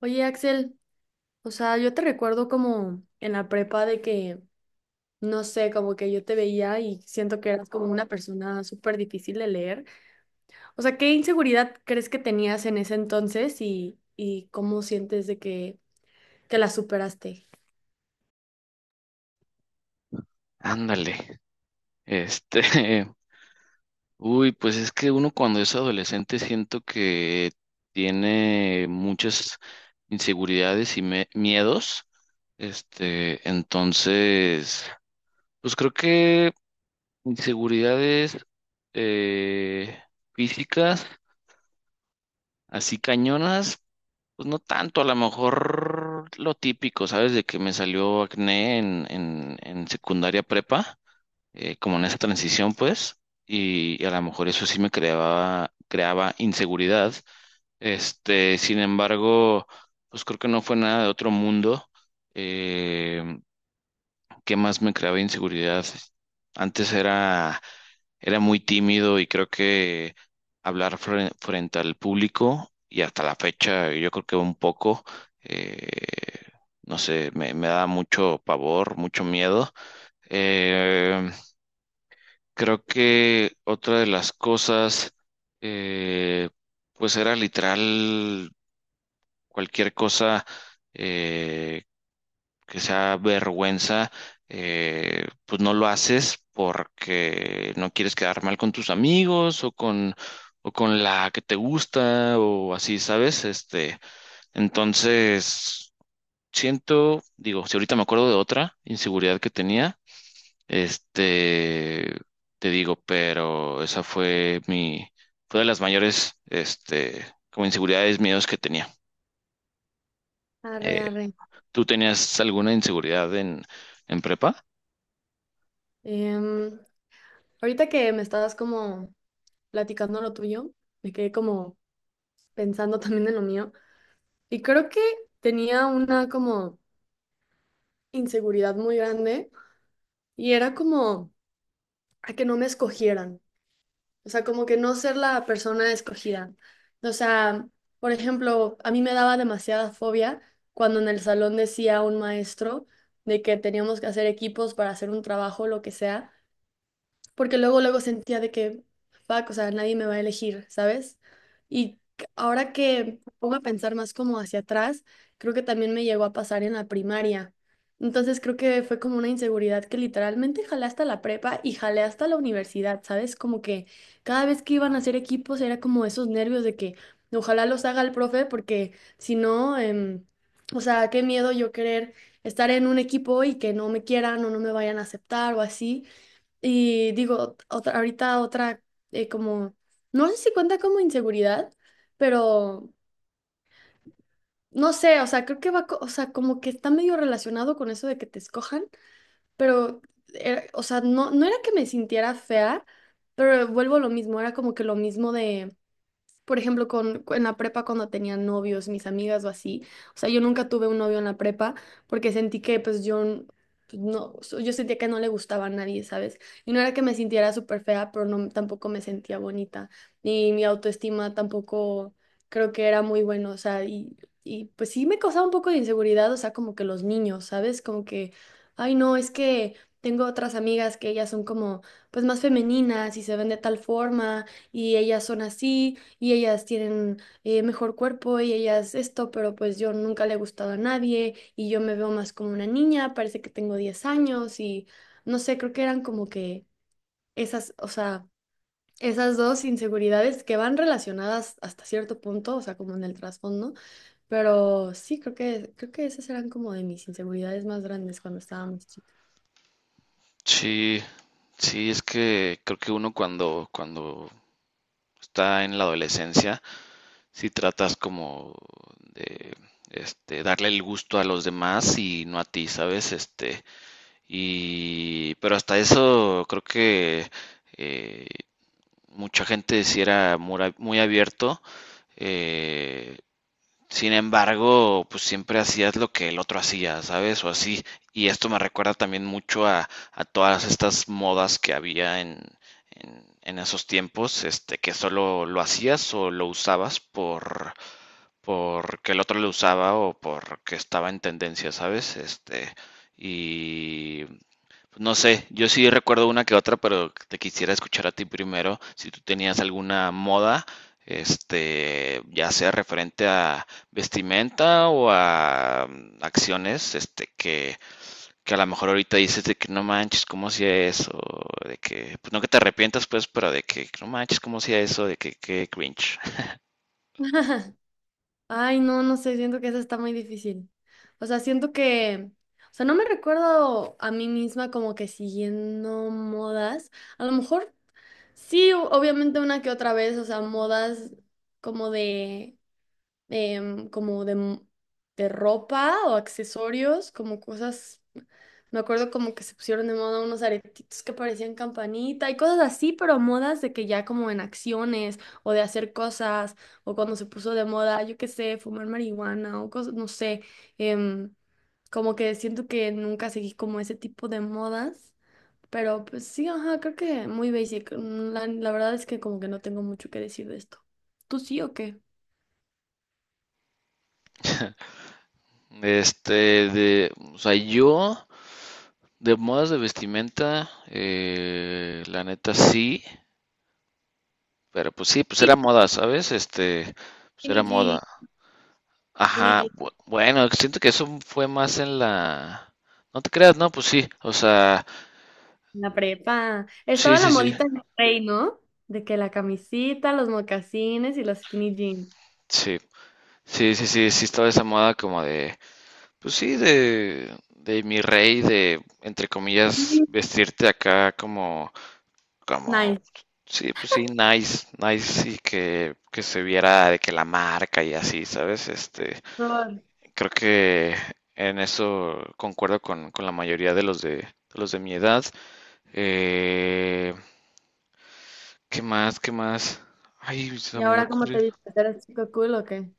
Oye, Axel, o sea, yo te recuerdo como en la prepa de que, no sé, como que yo te veía y siento que eras como una persona súper difícil de leer. O sea, ¿qué inseguridad crees que tenías en ese entonces y cómo sientes de que la superaste? Ándale, este, uy, pues es que uno cuando es adolescente siento que tiene muchas inseguridades y miedos, entonces, pues creo que inseguridades eh, físicas, así cañonas, pues no tanto, a lo mejor lo típico, ¿sabes? De que me salió acné en secundaria prepa. Como en esa transición, pues, y a lo mejor eso sí me creaba inseguridad. Sin embargo, pues creo que no fue nada de otro mundo. Eh, ¿Qué más me creaba inseguridad? Antes era muy tímido y creo que hablar frente al público y hasta la fecha, yo creo que un poco, eh, no sé, me da mucho pavor, mucho miedo. Eh, Creo que otra de las cosas, eh, pues era literal cualquier cosa eh, que sea vergüenza, pues no lo haces porque no quieres quedar mal con tus amigos o con la que te gusta o así, ¿sabes? Entonces, siento, digo, si ahorita me acuerdo de otra inseguridad que tenía. Este, Te digo, pero esa fue fue de las mayores, como inseguridades, miedos que tenía. Arre, Eh, arre. ¿Tú tenías alguna inseguridad en prepa? Em, ahorita que me estabas como platicando lo tuyo, me quedé como pensando también en lo mío y creo que tenía una como inseguridad muy grande y era como a que no me escogieran, o sea, como que no ser la persona escogida. O sea, por ejemplo, a mí me daba demasiada fobia cuando en el salón decía un maestro de que teníamos que hacer equipos para hacer un trabajo, lo que sea, porque luego luego sentía de que, fuck, o sea, nadie me va a elegir, ¿sabes? Ahora que me pongo a pensar más como hacia atrás, creo que también me llegó a pasar en la primaria. Entonces creo que fue como una inseguridad que literalmente jalé hasta la prepa y jalé hasta la universidad, ¿sabes? Como que cada vez que iban a hacer equipos era como esos nervios de que ojalá los haga el profe porque si no, o sea, qué miedo yo querer estar en un equipo y que no me quieran o no me vayan a aceptar o así. Y digo, otra, ahorita otra, como, no sé si cuenta como inseguridad, pero no sé, o sea, creo que va, o sea, como que está medio relacionado con eso de que te escojan, pero, o sea, no, no era que me sintiera fea, pero vuelvo a lo mismo, era como que lo mismo de, por ejemplo, con, en la prepa cuando tenía novios, mis amigas o así. O sea, yo nunca tuve un novio en la prepa porque sentí que pues yo n- pues, no, so- yo sentía que no le gustaba a nadie, ¿sabes? Y no era que me sintiera súper fea, pero no, tampoco me sentía bonita. Y mi autoestima tampoco creo que era muy bueno, o sea, y pues sí me causaba un poco de inseguridad, o sea, como que los niños, ¿sabes? Como que, ay no, es que tengo otras amigas que ellas son como pues más femeninas y se ven de tal forma y ellas son así y ellas tienen mejor cuerpo y ellas esto, pero pues yo nunca le he gustado a nadie y yo me veo más como una niña, parece que tengo 10 años y no sé, creo que eran como que esas, o sea, esas dos inseguridades que van relacionadas hasta cierto punto, o sea, como en el trasfondo, pero sí, creo que esas eran como de mis inseguridades más grandes cuando estábamos chicas. Sí, sí, es que creo que uno cuando está en la adolescencia, si tratas como de darle el gusto a los demás y no a ti, ¿sabes? Y pero hasta eso creo que eh, mucha gente sí era muy abierto. eh, Sin embargo, pues siempre hacías lo que el otro hacía, ¿sabes? O así. Y esto me recuerda también mucho a todas estas modas que había en esos tiempos, que solo lo hacías o lo usabas porque el otro lo usaba o porque estaba en tendencia, ¿sabes? Y pues no sé, yo sí recuerdo una que otra, pero te quisiera escuchar a ti primero, si tú tenías alguna moda, ya sea referente a vestimenta o a acciones, que a lo mejor ahorita dices de que no manches, ¿cómo hacía eso? De que, pues no que te arrepientas, pues, pero de que no manches, ¿cómo hacía eso? De que cringe. Ay, no, no sé, siento que esa está muy difícil. O sea, siento que, o sea, no me recuerdo a mí misma como que siguiendo modas. A lo mejor sí, obviamente una que otra vez, o sea, modas como de como de ropa o accesorios, como cosas, me acuerdo como que se pusieron de moda unos aretitos que parecían campanita y cosas así, pero modas de que ya como en acciones o de hacer cosas o cuando se puso de moda, yo qué sé, fumar marihuana o cosas, no sé, em, como que siento que nunca seguí como ese tipo de modas. Pero pues sí, ajá, creo que muy basic. La verdad es que como que no tengo mucho que decir de esto. ¿Tú sí o qué? Este, o sea, yo de modas de vestimenta, la neta sí. Pero pues sí, pues Sí, era moda, ¿sabes? Pues skinny era jeans. moda. Skinny Ajá, jeans bueno, siento que eso fue más en la. No te creas, no, pues sí, o sea, en la prepa. sí, Estaba la sí, sí, modita en el rey, ¿no? De que la camisita, los mocasines y los skinny jeans. sí, sí, sí, sí, sí estaba esa moda como de, pues sí, de mi rey, de, entre comillas, Sí. vestirte acá Nice. como, sí, pues sí, nice, nice, y que se viera de que la marca y así, ¿sabes? Por- Creo que en eso concuerdo con la mayoría de los de los de mi edad. Eh, ¿Qué más? ¿Qué más? Ay, se ¿Y me había ahora cómo te ocurrido. dices? ¿Eres chico cool o qué?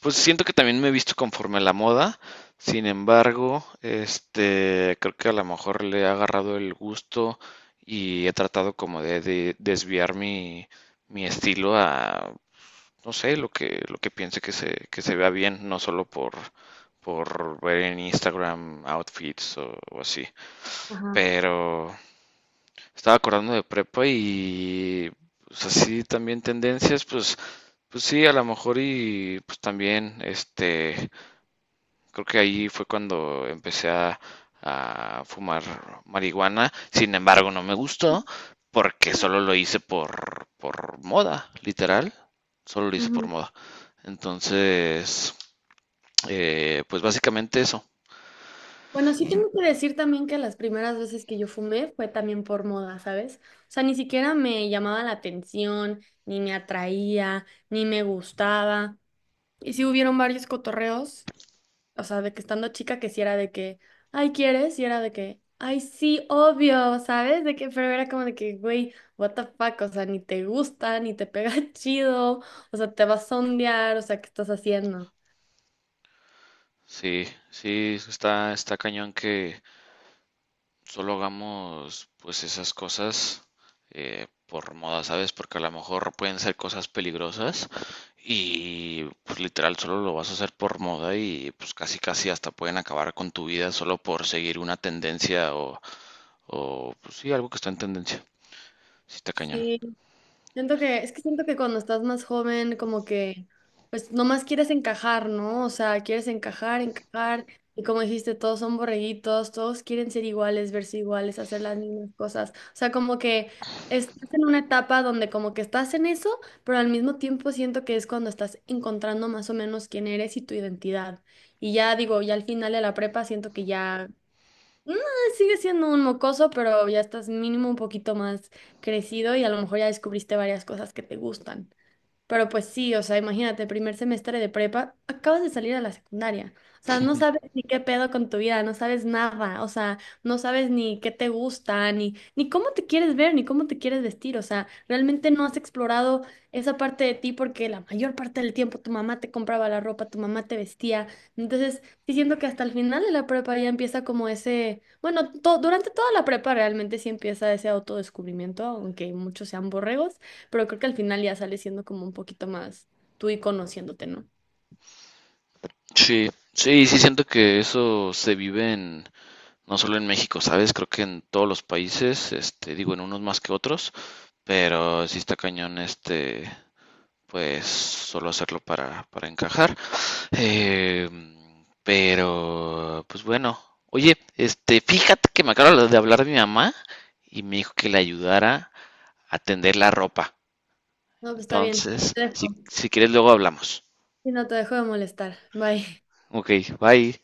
Pues siento que también me he visto conforme a la moda. Sin embargo, creo que a lo mejor le he agarrado el gusto y he tratado como de desviar mi estilo a no sé, lo que piense que se vea bien, no solo por ver en Instagram outfits o así. Ajá. Pero estaba acordando de prepa y pues así también tendencias, pues sí, a lo mejor y pues también creo que ahí fue cuando empecé a fumar marihuana. Sin embargo, no me gustó porque solo lo hice por moda, literal. Solo lo hice por Ujú. moda. Entonces, pues básicamente eso. Bueno, sí tengo que decir también que las primeras veces que yo fumé fue también por moda, ¿sabes? O sea, ni siquiera me llamaba la atención, ni me atraía, ni me gustaba. Y sí hubieron varios cotorreos, o sea, de que estando chica que sí era de que, ay, ¿quieres? Y era de que, ay, sí, obvio, ¿sabes? De que, pero era como de que, güey, what the fuck, o sea, ni te gusta, ni te pega chido, o sea, te vas a sondear, o sea, ¿qué estás haciendo? Sí, sí, está cañón solo hagamos pues esas cosas por moda, ¿sabes? Porque a lo mejor pueden ser cosas peligrosas y pues literal solo lo vas a hacer por moda y pues casi casi hasta pueden acabar con tu vida solo por seguir una tendencia o pues sí, algo que está en tendencia. Sí, está cañón. Sí, siento que, es que siento que cuando estás más joven, como que, pues nomás quieres encajar, ¿no? O sea, quieres encajar, encajar, y como dijiste, todos son borreguitos, todos quieren ser iguales, verse iguales, hacer las mismas cosas. O sea, como que estás en una etapa donde como que estás en eso, pero al mismo tiempo siento que es cuando estás encontrando más o menos quién eres y tu identidad. Y ya digo, ya al final de la prepa siento que ya. No, sigue siendo un mocoso, pero ya estás mínimo un poquito más crecido y a lo mejor ya descubriste varias cosas que te gustan. Pero pues sí, o sea, imagínate, primer semestre de prepa, acabas de salir a la secundaria. O sea, no sabes ni qué pedo con tu vida, no sabes nada, o sea, no sabes ni qué te gusta, ni, ni cómo te quieres ver, ni cómo te quieres vestir. O sea, realmente no has explorado esa parte de ti porque la mayor parte del tiempo tu mamá te compraba la ropa, tu mamá te vestía. Entonces, sí siento que hasta el final de la prepa ya empieza como ese, bueno, durante toda la prepa realmente sí empieza ese autodescubrimiento, aunque muchos sean borregos. Pero creo que al final ya sales siendo como un poquito más tú y conociéndote, ¿no? Sí, sí, sí siento que eso se vive no solo en México, ¿sabes? Creo que en todos los países, digo, en unos más que otros, pero sí está cañón pues solo hacerlo para encajar. Eh, pero, pues bueno. Oye, fíjate que me acabo de hablar de mi mamá y me dijo que le ayudara a tender la ropa. No, que está bien. Entonces, Te dejo. si quieres, luego hablamos. Y no te dejo de molestar. Bye. Ok, bye.